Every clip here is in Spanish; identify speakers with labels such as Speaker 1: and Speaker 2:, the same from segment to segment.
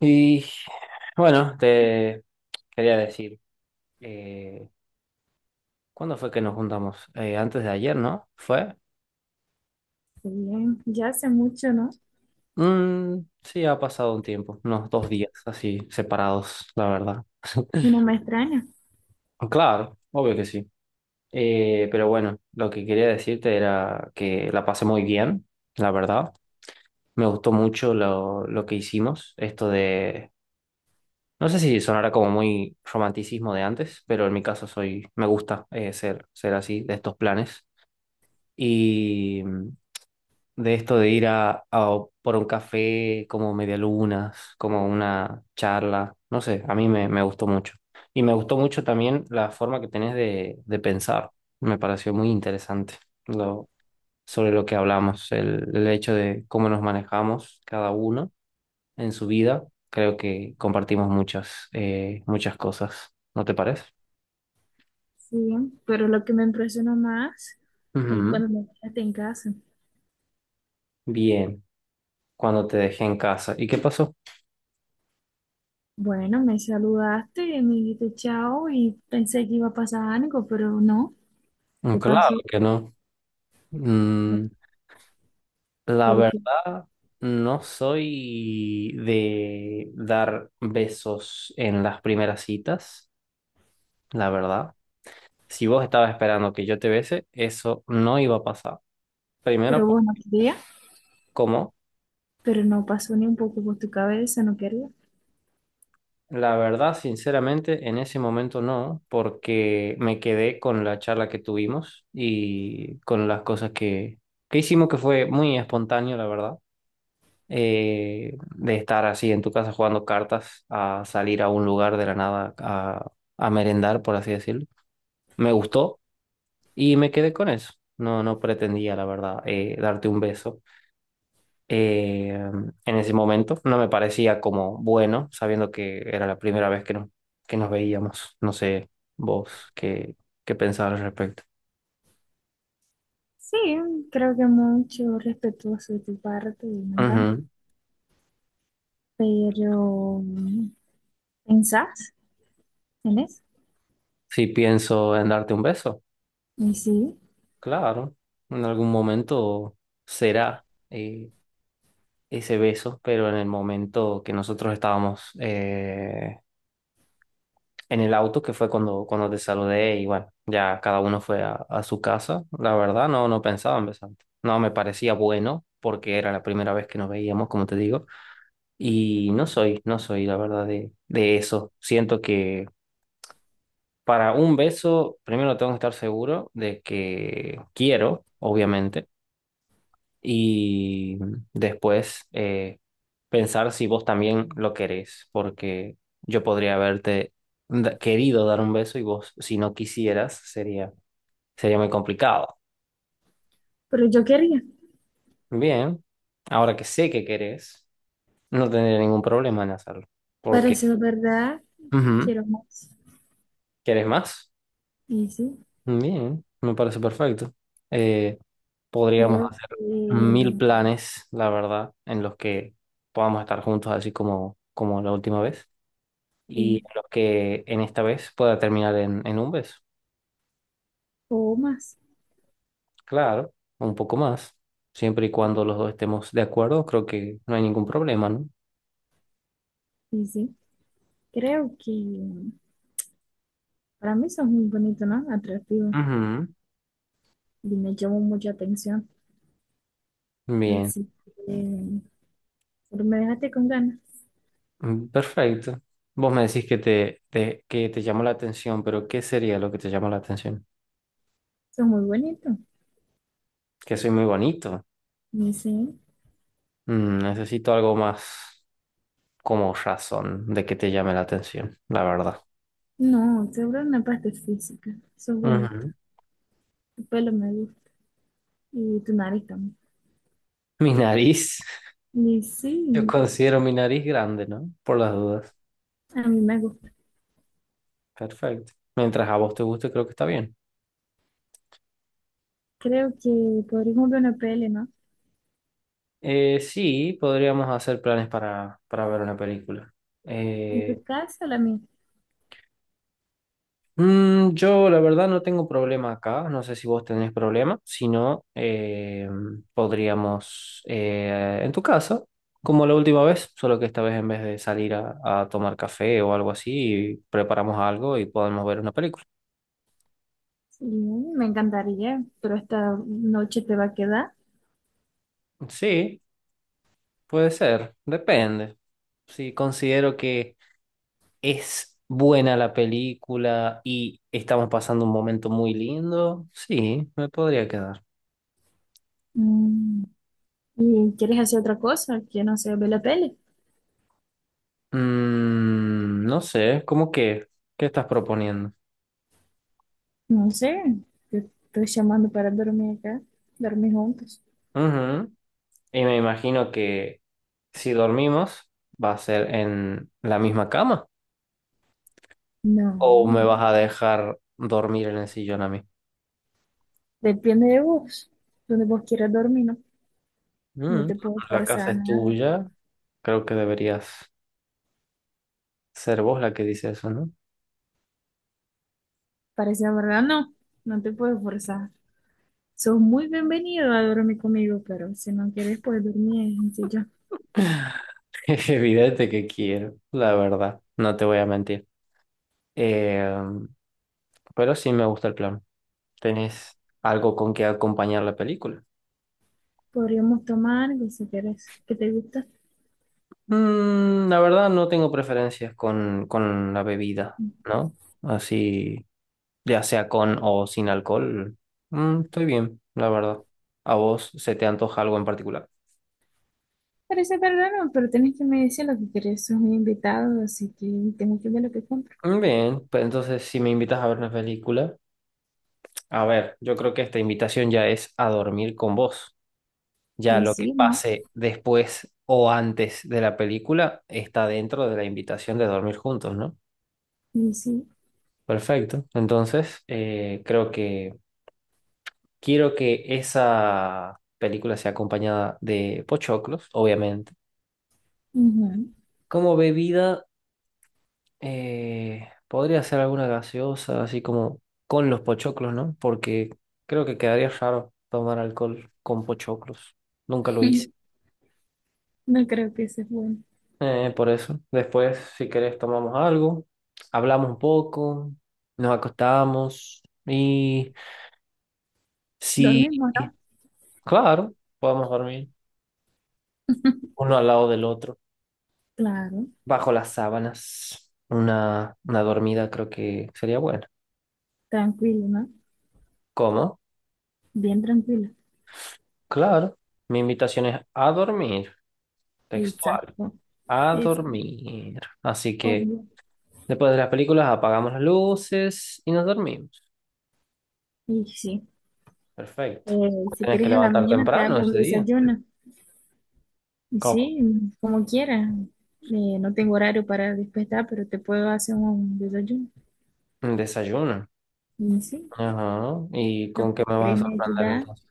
Speaker 1: Y bueno, te quería decir, eh, ¿cuándo fue que nos juntamos? Antes de ayer, ¿no? ¿Fue?
Speaker 2: Bien, ya hace mucho, ¿no?
Speaker 1: Mm, sí, ha pasado un tiempo, unos dos días así separados, la verdad.
Speaker 2: Y no me extraña.
Speaker 1: Claro, obvio que sí. Pero bueno, lo que quería decirte era que la pasé muy bien, la verdad. Me gustó mucho lo que hicimos, esto de, no sé si sonará como muy romanticismo de antes, pero en mi caso soy, me gusta ser así, de estos planes. Y mm, de esto de ir a por un café como medialunas, como una charla, no sé, a me gustó mucho. Y me gustó mucho también la forma que tenés de pensar. Me pareció muy interesante lo, sobre lo que hablamos, el hecho de cómo nos manejamos cada uno en su vida. Creo que compartimos muchas, muchas cosas, ¿no te parece?
Speaker 2: Sí, pero lo que me impresiona más es
Speaker 1: Ujú.
Speaker 2: cuando me quedaste en casa.
Speaker 1: Bien, cuando te dejé en casa. ¿Y qué pasó?
Speaker 2: Bueno, me saludaste y me dijiste chao y pensé que iba a pasar algo, pero no. ¿Qué
Speaker 1: Claro
Speaker 2: pasó?
Speaker 1: que no. Mm, la
Speaker 2: Porque,
Speaker 1: verdad, no soy de dar besos en las primeras citas, la verdad. Si vos estabas esperando que yo te bese, eso no iba a pasar. Primero,
Speaker 2: pero bueno, quería,
Speaker 1: ¿cómo?
Speaker 2: pero no pasó ni un poco por tu cabeza, no quería.
Speaker 1: La verdad, sinceramente, en ese momento no, porque me quedé con la charla que tuvimos y con las cosas que hicimos, que fue muy espontáneo, la verdad. De estar así en tu casa jugando cartas a salir a un lugar de la nada a merendar, por así decirlo. Me gustó y me quedé con eso. No, no pretendía, la verdad, darte un beso. eh, en ese momento no me parecía como bueno, sabiendo que era la primera vez que nos veíamos. No sé vos qué, qué pensabas al respecto.
Speaker 2: Sí, creo que mucho respetuoso de tu parte y me encanta.
Speaker 1: Ujú.
Speaker 2: Pero, ¿pensás en eso?
Speaker 1: Si pienso en darte un beso,
Speaker 2: Y sí,
Speaker 1: claro, en algún momento será. Ese beso, pero en el momento que nosotros estábamos en el auto, que fue cuando te saludé y bueno, ya cada uno fue a su casa, la verdad no, no pensaba en besarte. No me parecía bueno porque era la primera vez que nos veíamos, como te digo, y no soy, no soy la verdad de eso. Siento que para un beso, primero tengo que estar seguro de que quiero, obviamente y después pensar si vos también lo querés, porque yo podría haberte querido dar un beso y vos, si no quisieras, sería, sería muy complicado.
Speaker 2: pero yo quería.
Speaker 1: Bien, ahora que sé que querés, no tendría ningún problema en hacerlo, porque
Speaker 2: Pareció verdad.
Speaker 1: ujú,
Speaker 2: Quiero más.
Speaker 1: ¿querés más?
Speaker 2: Y sí,
Speaker 1: Bien, me parece perfecto. Eh, Podríamos
Speaker 2: creo
Speaker 1: hacer mil
Speaker 2: que...
Speaker 1: planes, la verdad, en los que podamos estar juntos así como, como la última vez. Y
Speaker 2: Sí,
Speaker 1: a los que en esta vez pueda terminar en un beso.
Speaker 2: o más.
Speaker 1: Claro, un poco más. Siempre y cuando los dos estemos de acuerdo, creo que no hay ningún problema, ¿no?
Speaker 2: Y sí, creo que... Para mí son muy bonitos, ¿no? Atractivos.
Speaker 1: Ujú,
Speaker 2: Y me llamó mucha atención.
Speaker 1: bien,
Speaker 2: Así que... pero me dejaste con ganas.
Speaker 1: mm, perfecto. Vos me decís que te llamó la atención, pero ¿qué sería lo que te llamó la atención?
Speaker 2: Son muy bonitos.
Speaker 1: Que soy muy bonito.
Speaker 2: Y sí.
Speaker 1: Mm, necesito algo más como razón de que te llame la atención, la verdad.
Speaker 2: No, sobre una parte física. Son bonitos.
Speaker 1: Ujú.
Speaker 2: Tu pelo me gusta. Y tu nariz también.
Speaker 1: Mi nariz.
Speaker 2: Y sí,
Speaker 1: Yo considero mi nariz grande, ¿no? Por las dudas.
Speaker 2: a mí me gusta.
Speaker 1: Perfecto. Mientras a vos te guste, creo que está bien.
Speaker 2: Creo que podríamos ver una peli, ¿no?
Speaker 1: Sí, podríamos hacer planes para ver una película.
Speaker 2: ¿En
Speaker 1: Eh,
Speaker 2: tu casa o la mía?
Speaker 1: mm, yo, la verdad, no tengo problema acá. No sé si vos tenés problema. Si no, podríamos en tu casa, como la última vez, solo que esta vez en vez de salir a tomar café o algo así, preparamos algo y podemos ver una película.
Speaker 2: Sí, me encantaría, pero esta noche te va a quedar.
Speaker 1: Sí, puede ser. Depende. Sí, considero que es buena la película y estamos pasando un momento muy lindo. Sí, me podría quedar.
Speaker 2: Mm, ¿y quieres hacer otra cosa? Que no sé, ver la peli.
Speaker 1: Mm, no sé, ¿cómo qué? ¿Qué estás proponiendo?
Speaker 2: No sé, te estoy llamando para dormir acá, dormir juntos.
Speaker 1: Ujú. Y me imagino que si dormimos va a ser en la misma cama
Speaker 2: No,
Speaker 1: o me vas a dejar dormir en el sillón a mí.
Speaker 2: depende de vos, donde vos quieras dormir, ¿no? No
Speaker 1: Mm,
Speaker 2: te puedo
Speaker 1: la
Speaker 2: forzar
Speaker 1: casa
Speaker 2: a
Speaker 1: es
Speaker 2: nada.
Speaker 1: tuya, creo que deberías ser vos la que dice eso, ¿no?
Speaker 2: Parece la verdad, no, no te puedo forzar. Sos muy bienvenido a dormir conmigo, pero si no quieres, puedes dormir en el sillón.
Speaker 1: Es evidente que quiero, la verdad, no te voy a mentir. Eh, pero sí me gusta el plan. ¿Tenés algo con que acompañar la película?
Speaker 2: Podríamos tomar algo si quieres. ¿Qué te gusta?
Speaker 1: Mm, la verdad no tengo preferencias con la bebida, ¿no? Así, ya sea con o sin alcohol. Mm, estoy bien, la verdad. ¿A vos se te antoja algo en particular?
Speaker 2: Parece raro, pero tenés que me decir lo que querés. Sos mi invitado, así que tengo que ver lo que compro.
Speaker 1: Mm, bien, pues entonces si me invitas a ver una película, a ver, yo creo que esta invitación ya es a dormir con vos. Ya
Speaker 2: Y
Speaker 1: lo que
Speaker 2: sí, ¿no?
Speaker 1: pase después o antes de la película está dentro de la invitación de dormir juntos, ¿no?
Speaker 2: Y sí,
Speaker 1: Perfecto. Entonces, creo que quiero que esa película sea acompañada de pochoclos, obviamente.
Speaker 2: ujú.
Speaker 1: Como bebida, podría ser alguna gaseosa, así como con los pochoclos, ¿no? Porque creo que quedaría raro tomar alcohol con pochoclos. Nunca lo hice.
Speaker 2: No creo que sea bueno.
Speaker 1: Por eso. Después, si querés, tomamos algo, hablamos un poco, nos acostamos y si,
Speaker 2: Dormimos, ¿no?
Speaker 1: claro, podemos dormir uno al lado del otro,
Speaker 2: Claro,
Speaker 1: bajo las sábanas. Una dormida creo que sería buena.
Speaker 2: tranquilo, ¿no?
Speaker 1: ¿Cómo?
Speaker 2: Bien tranquilo.
Speaker 1: Claro. Mi invitación es a dormir, textual,
Speaker 2: Exacto.
Speaker 1: a
Speaker 2: Es
Speaker 1: dormir. Así que
Speaker 2: obvio.
Speaker 1: después de las películas apagamos las luces y nos dormimos.
Speaker 2: Y sí,
Speaker 1: Perfecto.
Speaker 2: si
Speaker 1: Tienes que
Speaker 2: quieres a la
Speaker 1: levantar
Speaker 2: mañana te
Speaker 1: temprano
Speaker 2: hago un
Speaker 1: ese día.
Speaker 2: desayuno. Y
Speaker 1: ¿Cómo?
Speaker 2: sí, como quieras. No tengo horario para despertar, pero te puedo hacer un desayuno.
Speaker 1: Un desayuno.
Speaker 2: Y sí,
Speaker 1: Ajá. ¿Y
Speaker 2: lo
Speaker 1: con
Speaker 2: que
Speaker 1: qué me
Speaker 2: querés
Speaker 1: vas a
Speaker 2: me
Speaker 1: sorprender
Speaker 2: ayudar.
Speaker 1: entonces?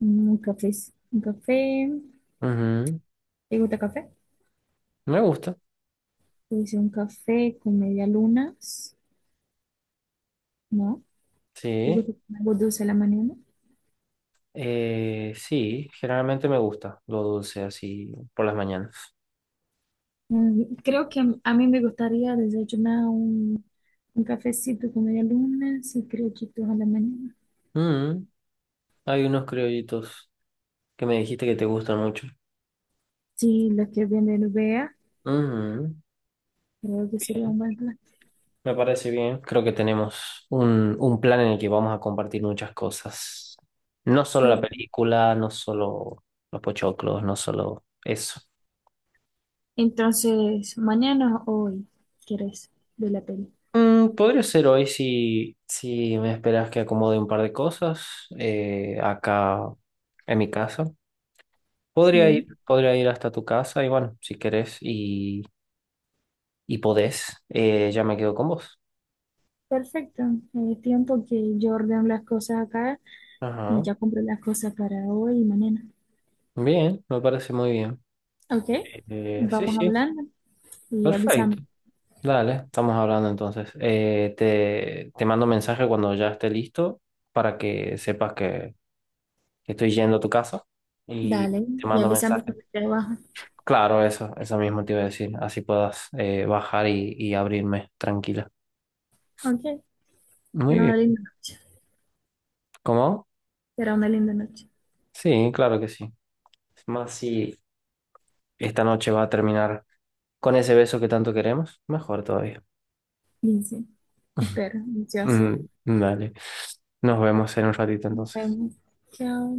Speaker 2: Mm, un café, un café.
Speaker 1: Ujú.
Speaker 2: ¿Te gusta café?
Speaker 1: Me gusta.
Speaker 2: Pues un café con media lunas, ¿no? ¿Te
Speaker 1: Sí.
Speaker 2: gusta algo dulce a la mañana?
Speaker 1: Sí, generalmente me gusta lo dulce así por las mañanas.
Speaker 2: Mm, creo que a mí me gustaría desayunar un cafecito con media luna y criollitos a la mañana.
Speaker 1: Mm, hay unos criollitos que me dijiste que te gustan mucho.
Speaker 2: Sí, lo que viene en vea,
Speaker 1: Ujú,
Speaker 2: creo que sería un buen plan.
Speaker 1: me parece bien. Creo que tenemos un plan en el que vamos a compartir muchas cosas. No solo la
Speaker 2: Sí.
Speaker 1: película, no solo los pochoclos, no solo eso.
Speaker 2: Entonces, mañana o hoy, ¿quieres de la peli?
Speaker 1: Mm, podría ser hoy si, si me esperas que acomode un par de cosas acá en mi casa.
Speaker 2: Sí,
Speaker 1: Podría ir hasta tu casa y bueno, si querés y podés, ya me quedo con vos.
Speaker 2: perfecto. Es tiempo que yo ordeno las cosas acá y
Speaker 1: Ajá.
Speaker 2: ya compro las cosas para hoy y mañana.
Speaker 1: Bien, me parece muy bien.
Speaker 2: Ok,
Speaker 1: Sí,
Speaker 2: vamos
Speaker 1: sí,
Speaker 2: hablando y avísame.
Speaker 1: perfecto. Dale, estamos hablando entonces. Te mando mensaje cuando ya esté listo para que sepas que estoy yendo a tu casa y
Speaker 2: Dale,
Speaker 1: te
Speaker 2: y
Speaker 1: mando
Speaker 2: avísame
Speaker 1: mensaje.
Speaker 2: cuando esté abajo.
Speaker 1: Claro, eso mismo te iba a decir. Así puedas bajar y abrirme tranquila.
Speaker 2: Ok,
Speaker 1: Muy
Speaker 2: será
Speaker 1: bien.
Speaker 2: una linda noche.
Speaker 1: ¿Cómo?
Speaker 2: Será una linda noche.
Speaker 1: Sí, claro que sí. Es más si esta noche va a terminar con ese beso que tanto queremos, mejor todavía.
Speaker 2: Dice, espero, ansiosa.
Speaker 1: Mm, dale. Nos vemos en un ratito
Speaker 2: Nos
Speaker 1: entonces.
Speaker 2: vemos. Chao.